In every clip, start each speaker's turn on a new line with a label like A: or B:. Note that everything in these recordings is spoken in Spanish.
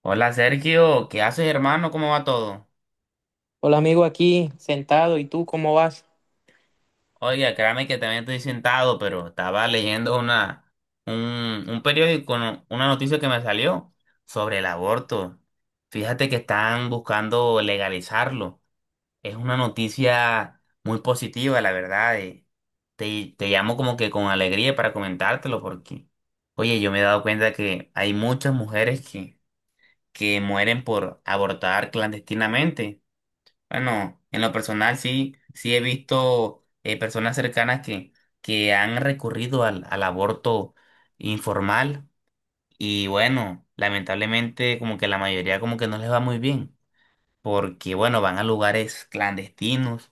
A: Hola Sergio, ¿qué haces, hermano? ¿Cómo va todo?
B: Hola amigo, aquí sentado, ¿y tú cómo vas?
A: Oiga, créame que también estoy sentado, pero estaba leyendo un periódico, una noticia que me salió sobre el aborto. Fíjate que están buscando legalizarlo. Es una noticia muy positiva, la verdad. Te llamo como que con alegría para comentártelo porque, oye, yo me he dado cuenta que hay muchas mujeres que mueren por abortar clandestinamente. Bueno, en lo personal sí, sí he visto personas cercanas que han recurrido al aborto informal, y bueno, lamentablemente como que la mayoría como que no les va muy bien, porque bueno, van a lugares clandestinos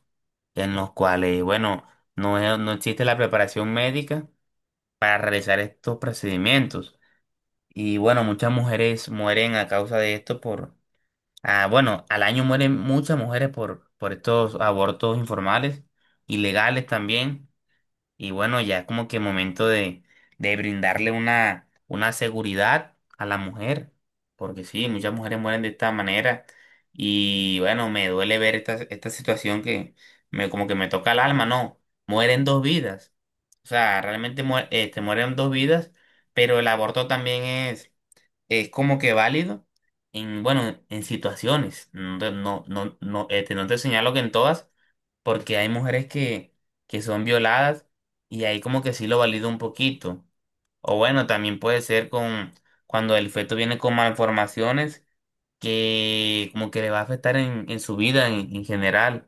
A: en los cuales, bueno, no, no existe la preparación médica para realizar estos procedimientos, y bueno, muchas mujeres mueren a causa de esto. Ah, bueno, al año mueren muchas mujeres por estos abortos informales, ilegales también, y bueno, ya como que momento de brindarle una seguridad a la mujer, porque sí, muchas mujeres mueren de esta manera, y bueno, me duele ver esta, esta situación que me, como que me toca el alma, no, mueren dos vidas, o sea, realmente mueren dos vidas, pero el aborto también es como que válido en, bueno, en situaciones. No, no, no, no, no te señalo que en todas, porque hay mujeres que son violadas, y ahí como que sí lo valido un poquito. O bueno, también puede ser con cuando el feto viene con malformaciones, que como que le va a afectar en su vida en general.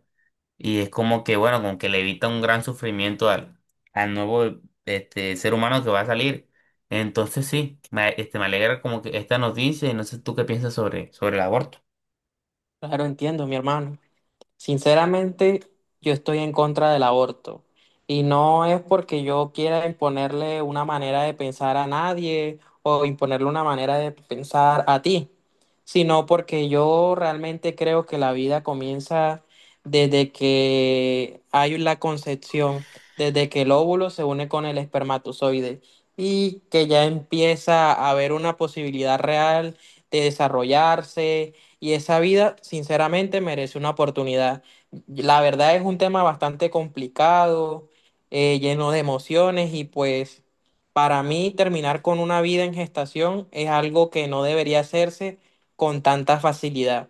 A: Y es como que, bueno, como que le evita un gran sufrimiento al, al nuevo ser humano que va a salir. Entonces sí, me alegra como que esta noticia, y no sé tú qué piensas sobre, sobre el aborto.
B: Claro, entiendo, mi hermano. Sinceramente, yo estoy en contra del aborto y no es porque yo quiera imponerle una manera de pensar a nadie o imponerle una manera de pensar a ti, sino porque yo realmente creo que la vida comienza desde que hay la concepción, desde que el óvulo se une con el espermatozoide y que ya empieza a haber una posibilidad real de desarrollarse y esa vida sinceramente merece una oportunidad. La verdad es un tema bastante complicado, lleno de emociones y pues para mí terminar con una vida en gestación es algo que no debería hacerse con tanta facilidad.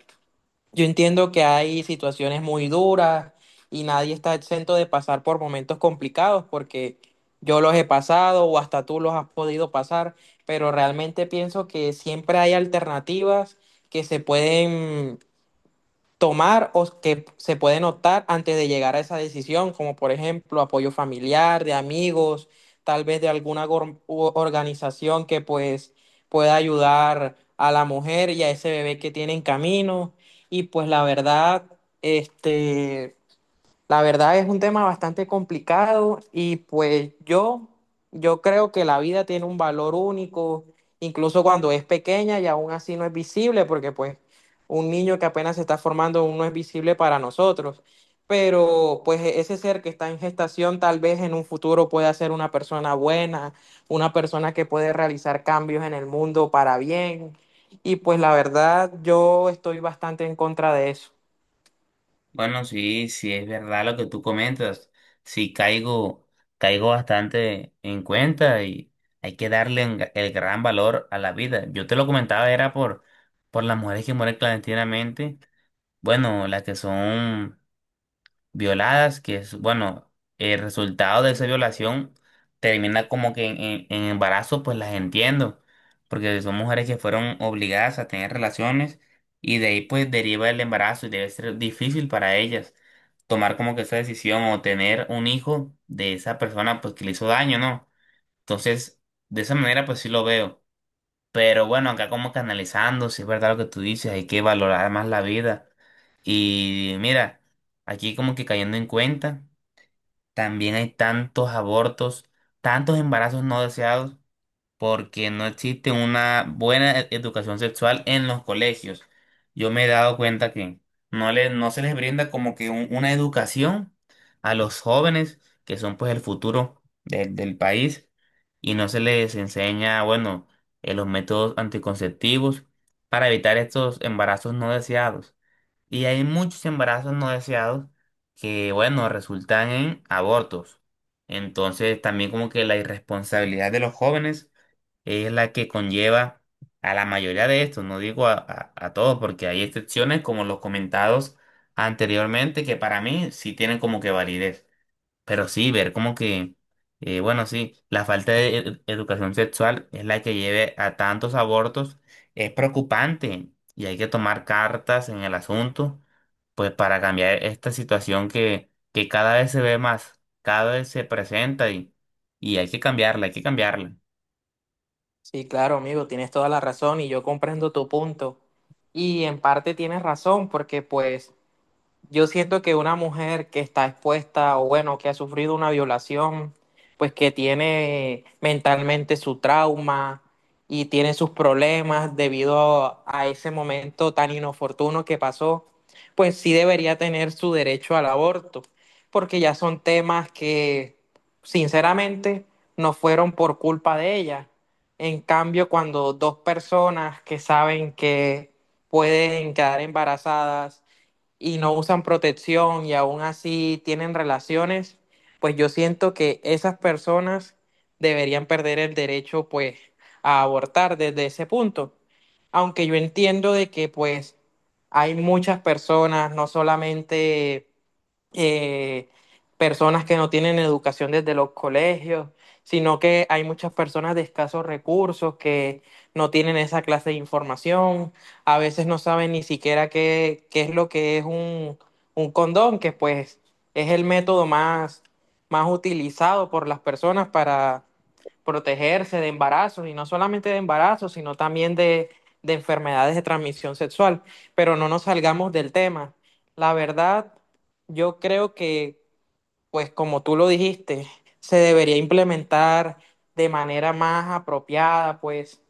B: Yo entiendo que hay situaciones muy duras y nadie está exento de pasar por momentos complicados porque yo los he pasado o hasta tú los has podido pasar, pero realmente pienso que siempre hay alternativas que se pueden tomar o que se puede notar antes de llegar a esa decisión, como por ejemplo apoyo familiar, de amigos, tal vez de alguna organización que pues pueda ayudar a la mujer y a ese bebé que tiene en camino. Y pues la verdad, este, la verdad es un tema bastante complicado y pues yo creo que la vida tiene un valor único, incluso cuando es pequeña y aún así no es visible, porque pues un niño que apenas se está formando aún no es visible para nosotros, pero pues ese ser que está en gestación tal vez en un futuro pueda ser una persona buena, una persona que puede realizar cambios en el mundo para bien y pues la verdad yo estoy bastante en contra de eso.
A: Bueno, sí, sí es verdad lo que tú comentas. Sí caigo, caigo bastante en cuenta, y hay que darle el gran valor a la vida. Yo te lo comentaba, era por las mujeres que mueren clandestinamente. Bueno, las que son violadas, que es, bueno, el resultado de esa violación termina como que en, en embarazo, pues las entiendo, porque son mujeres que fueron obligadas a tener relaciones, y de ahí pues deriva el embarazo, y debe ser difícil para ellas tomar como que esa decisión, o tener un hijo de esa persona pues que le hizo daño, ¿no? Entonces, de esa manera pues sí lo veo. Pero bueno, acá como canalizando, si es verdad lo que tú dices, hay que valorar más la vida, y mira, aquí como que cayendo en cuenta, también hay tantos abortos, tantos embarazos no deseados, porque no existe una buena educación sexual en los colegios. Yo me he dado cuenta que no se les brinda como que una educación a los jóvenes, que son pues el futuro del país, y no se les enseña, bueno, los métodos anticonceptivos para evitar estos embarazos no deseados. Y hay muchos embarazos no deseados que, bueno, resultan en abortos. Entonces, también como que la irresponsabilidad de los jóvenes es la que conlleva a la mayoría de estos, no digo a todos, porque hay excepciones como los comentados anteriormente que para mí sí tienen como que validez. Pero sí, ver como que, bueno, sí, la falta de educación sexual es la que lleve a tantos abortos, es preocupante, y hay que tomar cartas en el asunto pues para cambiar esta situación que cada vez se ve más, cada vez se presenta, y hay que cambiarla, hay que cambiarla.
B: Sí, claro, amigo, tienes toda la razón y yo comprendo tu punto. Y en parte tienes razón porque pues yo siento que una mujer que está expuesta o bueno, que ha sufrido una violación, pues que tiene mentalmente su trauma y tiene sus problemas debido a ese momento tan inoportuno que pasó, pues sí debería tener su derecho al aborto, porque ya son temas que sinceramente no fueron por culpa de ella. En cambio, cuando dos personas que saben que pueden quedar embarazadas, y no usan protección y aún así tienen relaciones, pues yo siento que esas personas deberían perder el derecho pues a abortar desde ese punto. Aunque yo entiendo de que pues hay muchas personas, no solamente eh, personas que no tienen educación desde los colegios, sino que hay muchas personas de escasos recursos que no tienen esa clase de información, a veces no saben ni siquiera qué, qué es lo que es un condón, que pues es el método más, más utilizado por las personas para protegerse de embarazos, y no solamente de embarazos, sino también de enfermedades de transmisión sexual. Pero no nos salgamos del tema. La verdad, yo creo que pues como tú lo dijiste, se debería implementar de manera más apropiada, pues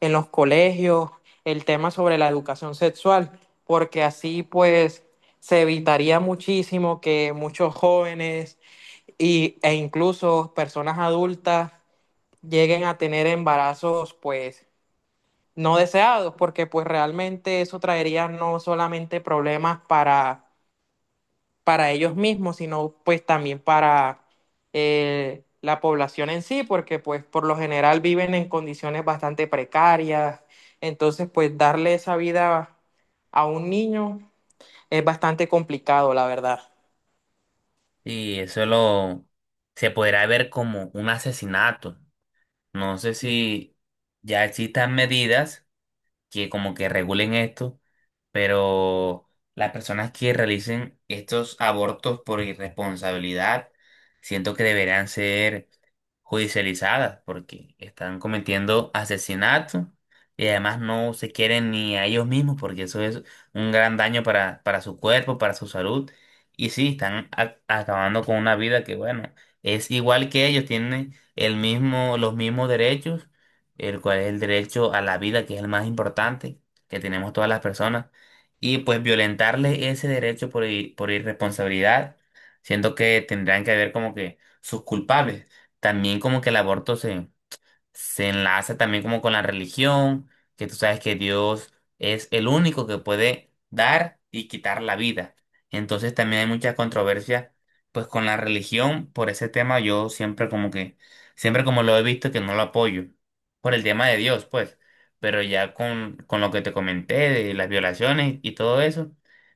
B: en los colegios, el tema sobre la educación sexual, porque así pues se evitaría muchísimo que muchos jóvenes y, e incluso personas adultas lleguen a tener embarazos pues no deseados, porque pues realmente eso traería no solamente problemas para ellos mismos, sino pues también para la población en sí, porque pues por lo general viven en condiciones bastante precarias, entonces pues darle esa vida a un niño es bastante complicado, la verdad.
A: Y eso lo se podrá ver como un asesinato. No sé si ya existan medidas que como que regulen esto, pero las personas que realicen estos abortos por irresponsabilidad, siento que deberán ser judicializadas porque están cometiendo asesinato, y además no se quieren ni a ellos mismos, porque eso es un gran daño para su cuerpo, para su salud. Y sí, están acabando con una vida que, bueno, es igual que ellos, tienen el mismo, los mismos derechos, el cual es el derecho a la vida, que es el más importante que tenemos todas las personas, y pues violentarle ese derecho por, por irresponsabilidad, siento que tendrán que haber como que sus culpables. También como que el aborto se se enlaza también como con la religión, que tú sabes que Dios es el único que puede dar y quitar la vida. Entonces también hay mucha controversia pues con la religión. Por ese tema yo siempre como que siempre como lo he visto que no lo apoyo, por el tema de Dios, pues, pero ya con lo que te comenté de las violaciones y todo eso,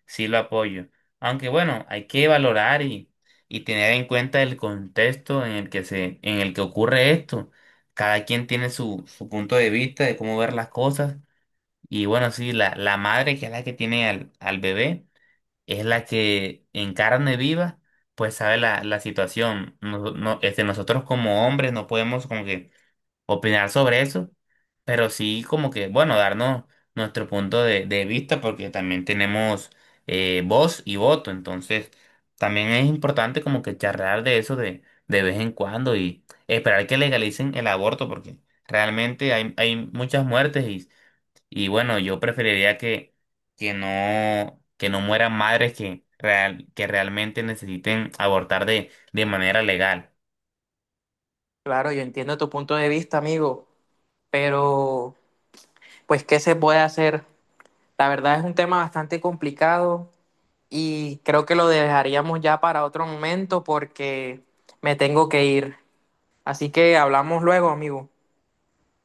A: sí lo apoyo. Aunque bueno, hay que valorar y tener en cuenta el contexto en el que se en el que ocurre esto. Cada quien tiene su, su punto de vista de cómo ver las cosas. Y bueno, sí, la madre, que es la que tiene al, al bebé, es la que en carne viva, pues sabe la, la situación. Nosotros como hombres no podemos como que opinar sobre eso, pero sí como que, bueno, darnos nuestro punto de vista, porque también tenemos voz y voto, entonces también es importante como que charlar de eso de vez en cuando, y esperar que legalicen el aborto, porque realmente hay, hay muchas muertes y bueno, yo preferiría que no mueran madres que, real, que realmente necesiten abortar de manera legal.
B: Claro, yo entiendo tu punto de vista, amigo, pero pues ¿qué se puede hacer? La verdad es un tema bastante complicado y creo que lo dejaríamos ya para otro momento porque me tengo que ir. Así que hablamos luego, amigo.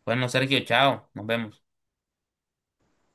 A: Bueno, Sergio, chao, nos vemos.